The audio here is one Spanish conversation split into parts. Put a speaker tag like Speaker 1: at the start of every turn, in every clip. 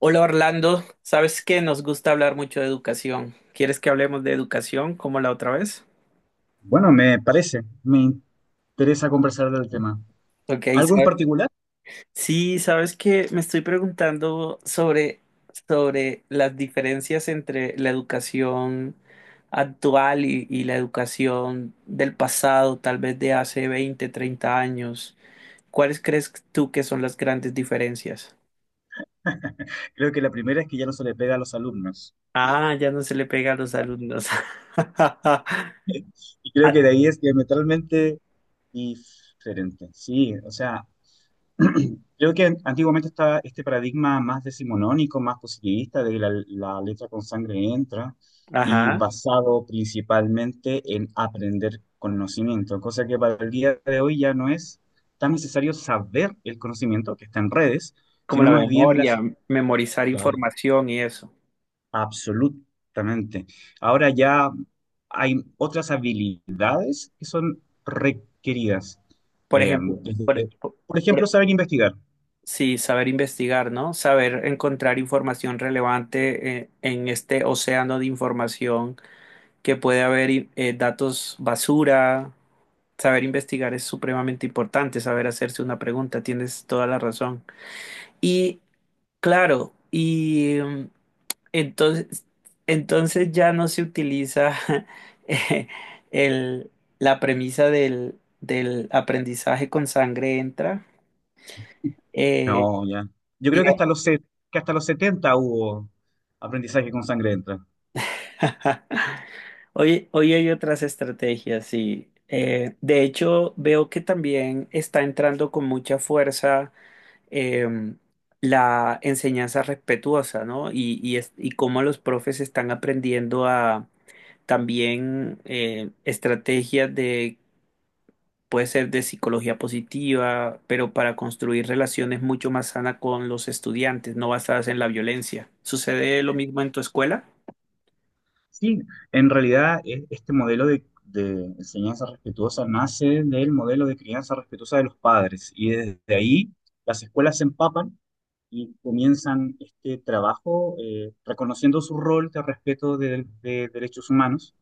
Speaker 1: Hola Orlando, sabes que nos gusta hablar mucho de educación. ¿Quieres que hablemos de educación como la otra vez?
Speaker 2: Bueno, me interesa conversar del tema.
Speaker 1: Ok,
Speaker 2: ¿Algo en
Speaker 1: sa-
Speaker 2: particular?
Speaker 1: Sí, sabes que me estoy preguntando sobre las diferencias entre la educación actual y la educación del pasado, tal vez de hace 20, 30 años. ¿Cuáles crees tú que son las grandes diferencias?
Speaker 2: Creo que la primera es que ya no se le pega a los alumnos.
Speaker 1: Ah, ya no se le pega a los alumnos.
Speaker 2: Y creo
Speaker 1: Ah.
Speaker 2: que de ahí es diametralmente diferente. Sí, o sea, creo que antiguamente estaba este paradigma más decimonónico, más positivista, de que la letra con sangre entra, y
Speaker 1: Ajá.
Speaker 2: basado principalmente en aprender conocimiento, cosa que para el día de hoy ya no es tan necesario saber, el conocimiento que está en redes,
Speaker 1: Como
Speaker 2: sino
Speaker 1: la
Speaker 2: más bien
Speaker 1: memoria,
Speaker 2: las.
Speaker 1: memorizar
Speaker 2: Claro.
Speaker 1: información y eso.
Speaker 2: Absolutamente. Ahora ya hay otras habilidades que son requeridas.
Speaker 1: Por
Speaker 2: Eh,
Speaker 1: ejemplo,
Speaker 2: desde- por ejemplo,
Speaker 1: por-
Speaker 2: saber investigar.
Speaker 1: sí, saber investigar, ¿no? Saber encontrar información relevante en este océano de información que puede haber datos basura. Saber investigar es supremamente importante, saber hacerse una pregunta, tienes toda la razón. Y claro, Entonces, entonces ya no se utiliza eh, el- la premisa del aprendizaje con sangre entra. eh,
Speaker 2: No, ya. Yo creo que
Speaker 1: y-
Speaker 2: que hasta los 70 hubo aprendizaje con sangre dentro.
Speaker 1: hoy hay otras estrategias, sí. De hecho, veo que también está entrando con mucha fuerza eh, la enseñanza respetuosa, ¿no? Y cómo los profes están aprendiendo a también estrategias de puede ser de psicología positiva, pero para construir relaciones mucho más sanas con los estudiantes, no basadas en la violencia. ¿Sucede lo mismo en tu escuela?
Speaker 2: Sí, en realidad este modelo de enseñanza respetuosa nace del modelo de crianza respetuosa de los padres, y desde ahí las escuelas se empapan y comienzan este trabajo reconociendo su rol de respeto de derechos humanos,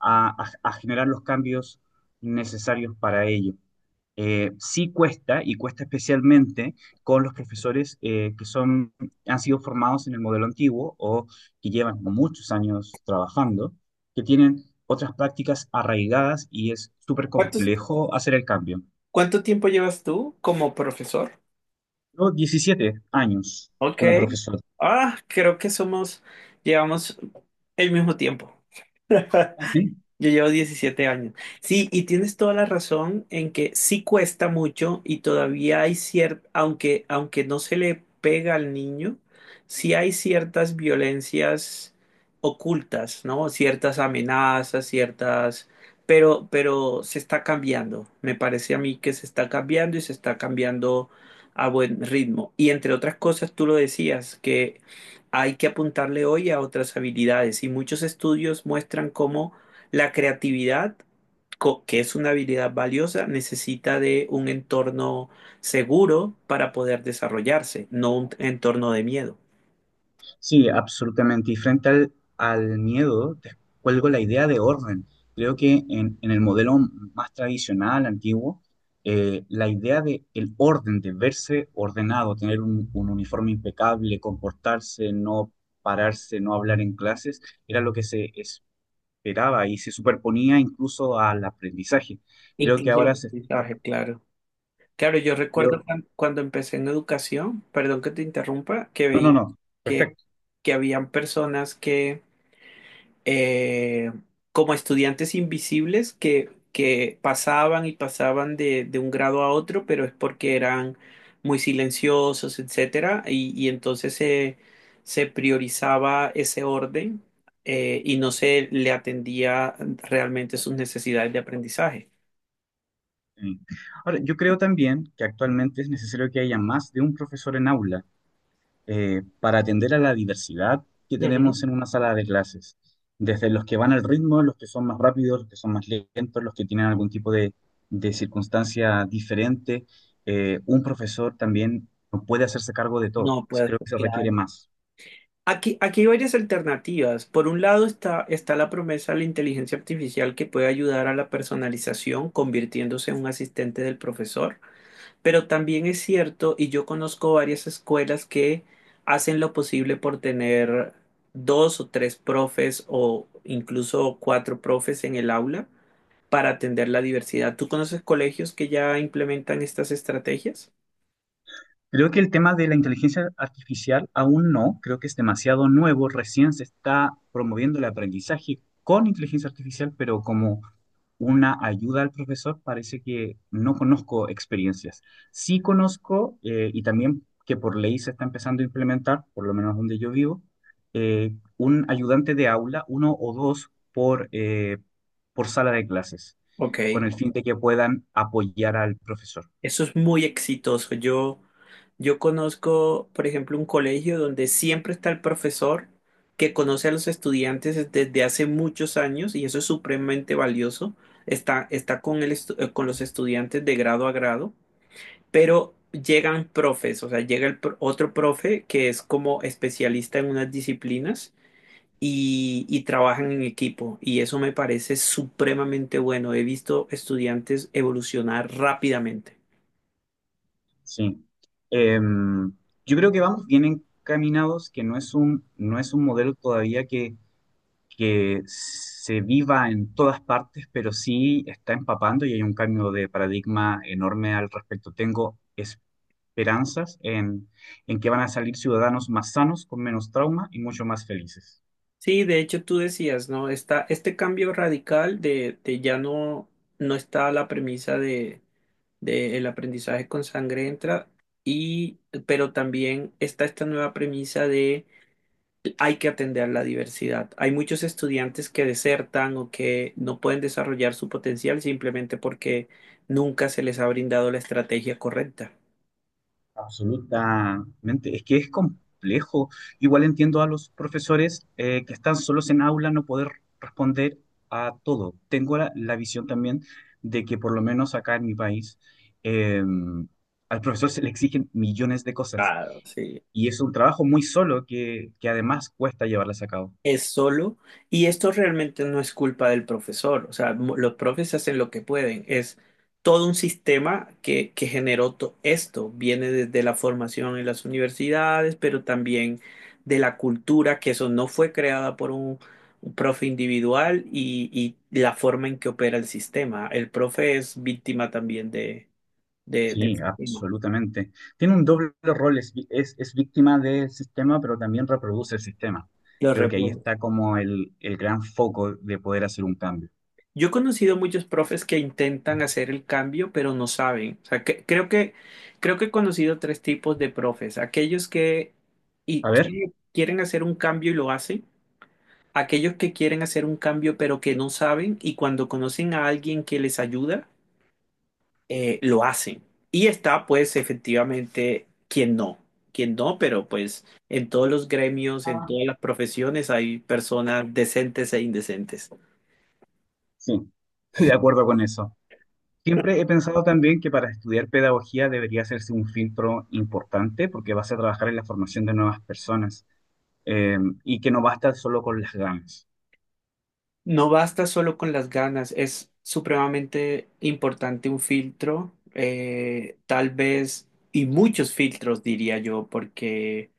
Speaker 2: a generar los cambios necesarios para ello. Sí cuesta, y cuesta especialmente con los profesores, han sido formados en el modelo antiguo, o que llevan muchos años trabajando, que tienen otras prácticas arraigadas, y es súper
Speaker 1: ¿Cuántos-
Speaker 2: complejo hacer el cambio.
Speaker 1: cuánto tiempo llevas tú como profesor?
Speaker 2: Yo 17 años
Speaker 1: Ok.
Speaker 2: como profesor.
Speaker 1: Ah, creo que llevamos el mismo tiempo. Yo llevo 17 años. Sí, y tienes toda la razón en que sí cuesta mucho y todavía hay cierta, aunque no se le pega al niño, sí hay ciertas violencias ocultas, ¿no? Ciertas amenazas, ciertas, pero se está cambiando. Me parece a mí que se está cambiando y se está cambiando a buen ritmo. Y entre otras cosas, tú lo decías, que hay que apuntarle hoy a otras habilidades y muchos estudios muestran cómo la creatividad, que es una habilidad valiosa, necesita de un entorno seguro para poder desarrollarse, no un entorno de miedo.
Speaker 2: Sí, absolutamente. Y frente al, al miedo, te cuelgo la idea de orden. Creo que en el modelo más tradicional, antiguo, la idea de el orden, de verse ordenado, tener un uniforme impecable, comportarse, no pararse, no hablar en clases, era lo que se esperaba y se superponía incluso al aprendizaje. Creo que
Speaker 1: Incluso el
Speaker 2: ahora se está...
Speaker 1: aprendizaje, claro. Claro, yo
Speaker 2: creo-
Speaker 1: recuerdo cuando empecé en educación, perdón que te interrumpa, que
Speaker 2: no, no,
Speaker 1: veía
Speaker 2: no.
Speaker 1: que,
Speaker 2: Perfecto.
Speaker 1: que habían personas que eh, como estudiantes invisibles que pasaban y pasaban de un grado a otro, pero es porque eran muy silenciosos, etcétera, y entonces se priorizaba ese orden y no se le atendía realmente sus necesidades de aprendizaje.
Speaker 2: Eh, Ahora, yo creo también que actualmente es necesario que haya más de un profesor en aula, para atender a la diversidad que
Speaker 1: Ujú.
Speaker 2: tenemos en una sala de clases, desde los que van al ritmo, los que son más rápidos, los que son más lentos, los que tienen algún tipo de circunstancia diferente. Un profesor también no puede hacerse cargo de todo,
Speaker 1: No, pues
Speaker 2: creo que se requiere
Speaker 1: claro.
Speaker 2: más.
Speaker 1: Aquí hay varias alternativas. Por un lado está la promesa de la inteligencia artificial que puede ayudar a la personalización, convirtiéndose en un asistente del profesor. Pero también es cierto, y yo conozco varias escuelas que hacen lo posible por tener dos o tres profes o incluso cuatro profes en el aula para atender la diversidad. ¿Tú conoces colegios que ya implementan estas estrategias?
Speaker 2: Creo que el tema de la inteligencia artificial aún no, creo que es demasiado nuevo, recién se está promoviendo el aprendizaje con inteligencia artificial, pero como una ayuda al profesor, parece que no conozco experiencias. Sí conozco, y también que por ley se está empezando a implementar, por lo menos donde yo vivo, un ayudante de aula, uno o dos por sala de clases, con
Speaker 1: Ok.
Speaker 2: el fin de que puedan apoyar al profesor.
Speaker 1: Eso es muy exitoso. Yo conozco, por ejemplo, un colegio donde siempre está el profesor que conoce a los estudiantes desde hace muchos años y eso es supremamente valioso. Está con el con los estudiantes de grado a grado, pero llegan profes, o sea, llega otro profe que es como especialista en unas disciplinas y trabajan en equipo y eso me parece supremamente bueno. He visto estudiantes evolucionar rápidamente.
Speaker 2: Sí. Em, yo creo que vamos bien encaminados, que no es un modelo todavía que se viva en todas partes, pero sí está empapando y hay un cambio de paradigma enorme al respecto. Tengo esperanzas en que van a salir ciudadanos más sanos, con menos trauma y mucho más felices.
Speaker 1: Sí, de hecho tú decías, ¿no? Está este cambio radical de ya no está la premisa de el aprendizaje con sangre entra, y, pero también está esta nueva premisa de hay que atender la diversidad. Hay muchos estudiantes que desertan o que no pueden desarrollar su potencial simplemente porque nunca se les ha brindado la estrategia correcta.
Speaker 2: Absolutamente. Es que es complejo. Igual entiendo a los profesores, que están solos en aula, no poder responder a todo. Tengo la visión también de que por lo menos acá en mi país, em, al profesor se le exigen millones de cosas.
Speaker 1: Claro, sí.
Speaker 2: Y es un trabajo muy solo que además cuesta llevarlas a cabo.
Speaker 1: Es solo, y esto realmente no es culpa del profesor, o sea, los profes hacen lo que pueden, es todo un sistema que generó esto, viene desde la formación en las universidades, pero también de la cultura, que eso no fue creada por un profe individual y la forma en que opera el sistema. El profe es víctima también del
Speaker 2: Sí,
Speaker 1: sistema,
Speaker 2: absolutamente. Tiene un doble rol, es víctima del sistema, pero también reproduce el sistema.
Speaker 1: lo
Speaker 2: Creo que ahí
Speaker 1: reproduce.
Speaker 2: está como el gran foco de poder hacer un cambio.
Speaker 1: Yo he conocido muchos profes que intentan hacer el cambio, pero no saben. O sea, creo que he conocido tres tipos de profes. Aquellos que, y,
Speaker 2: A ver.
Speaker 1: que quieren hacer un cambio y lo hacen. Aquellos que quieren hacer un cambio, pero que no saben. Y cuando conocen a alguien que les ayuda, lo hacen. Y está, pues, efectivamente, quien no. Quien no, pero pues en todos los gremios, en
Speaker 2: Ah,
Speaker 1: todas las profesiones hay personas decentes e indecentes.
Speaker 2: sí. Estoy de acuerdo con eso. Siempre he pensado también que para estudiar pedagogía debería hacerse un filtro importante, porque vas a trabajar en la formación de nuevas personas, eh, y que no basta solo con las ganas.
Speaker 1: No basta solo con las ganas, es supremamente importante un filtro, tal vez, y muchos filtros, diría yo, porque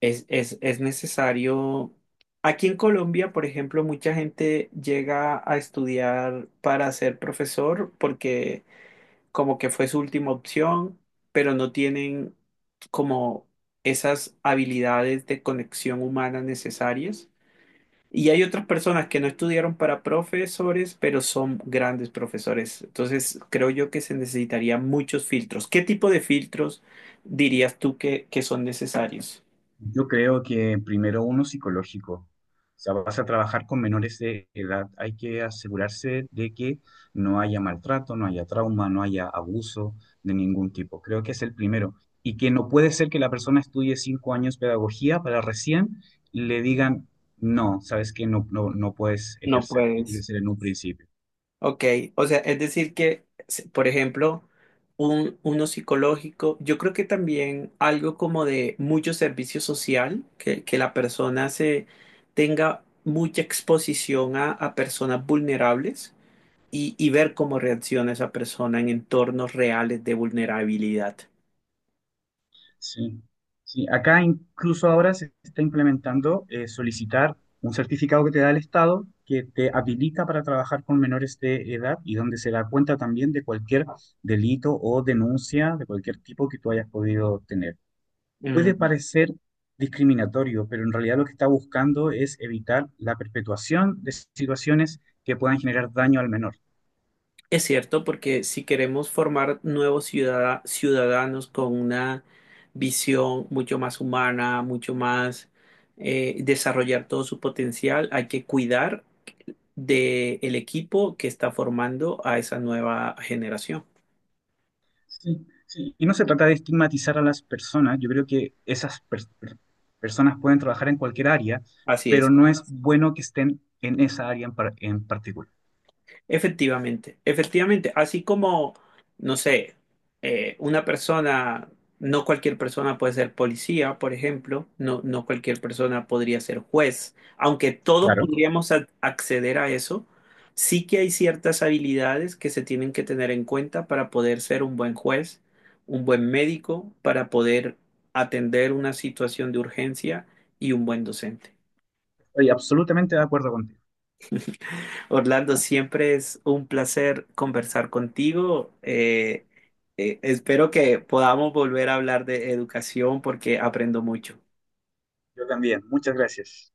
Speaker 1: es necesario. Aquí en Colombia, por ejemplo, mucha gente llega a estudiar para ser profesor porque como que fue su última opción, pero no tienen como esas habilidades de conexión humana necesarias. Y hay otras personas que no estudiaron para profesores, pero son grandes profesores. Entonces, creo yo que se necesitaría muchos filtros. ¿Qué tipo de filtros dirías tú que son necesarios?
Speaker 2: Yo creo que primero uno psicológico. O sea, vas a trabajar con menores de edad. Hay que asegurarse de que no haya maltrato, no haya trauma, no haya abuso de ningún tipo. Creo que es el primero. Y que no puede ser que la persona estudie 5 años pedagogía para recién le digan, no, sabes que no, no puedes
Speaker 1: No
Speaker 2: ejercer. Tiene que
Speaker 1: puedes.
Speaker 2: ser en un principio.
Speaker 1: Ok, o sea, es decir por ejemplo, uno psicológico, yo creo que también algo como de mucho servicio social, que la persona se tenga mucha exposición a personas vulnerables y ver cómo reacciona esa persona en entornos reales de vulnerabilidad.
Speaker 2: Sí, sí. Acá incluso ahora se está implementando, solicitar un certificado que te da el Estado, que te habilita para trabajar con menores de edad, y donde se da cuenta también de cualquier delito o denuncia de cualquier tipo que tú hayas podido tener. Puede
Speaker 1: Mm.
Speaker 2: parecer discriminatorio, pero en realidad lo que está buscando es evitar la perpetuación de situaciones que puedan generar daño al menor.
Speaker 1: Es cierto, porque si queremos formar nuevos ciudadanos con una visión mucho más humana, mucho más desarrollar todo su potencial, hay que cuidar del equipo que está formando a esa nueva generación.
Speaker 2: Sí, sí. Y no se trata de estigmatizar a las personas. Yo creo que esas personas pueden trabajar en cualquier área,
Speaker 1: Así
Speaker 2: pero
Speaker 1: es.
Speaker 2: no es bueno que estén en esa área en particular.
Speaker 1: Efectivamente, efectivamente, así como, no sé, una persona, no cualquier persona puede ser policía, por ejemplo, no, no cualquier persona podría ser juez, aunque todos
Speaker 2: Claro.
Speaker 1: podríamos acceder a eso, sí que hay ciertas habilidades que se tienen que tener en cuenta para poder ser un buen juez, un buen médico, para poder atender una situación de urgencia y un buen docente.
Speaker 2: Estoy absolutamente de acuerdo contigo.
Speaker 1: Orlando, siempre es un placer conversar contigo. Espero que podamos volver a hablar de educación porque aprendo mucho.
Speaker 2: Yo también. Muchas gracias.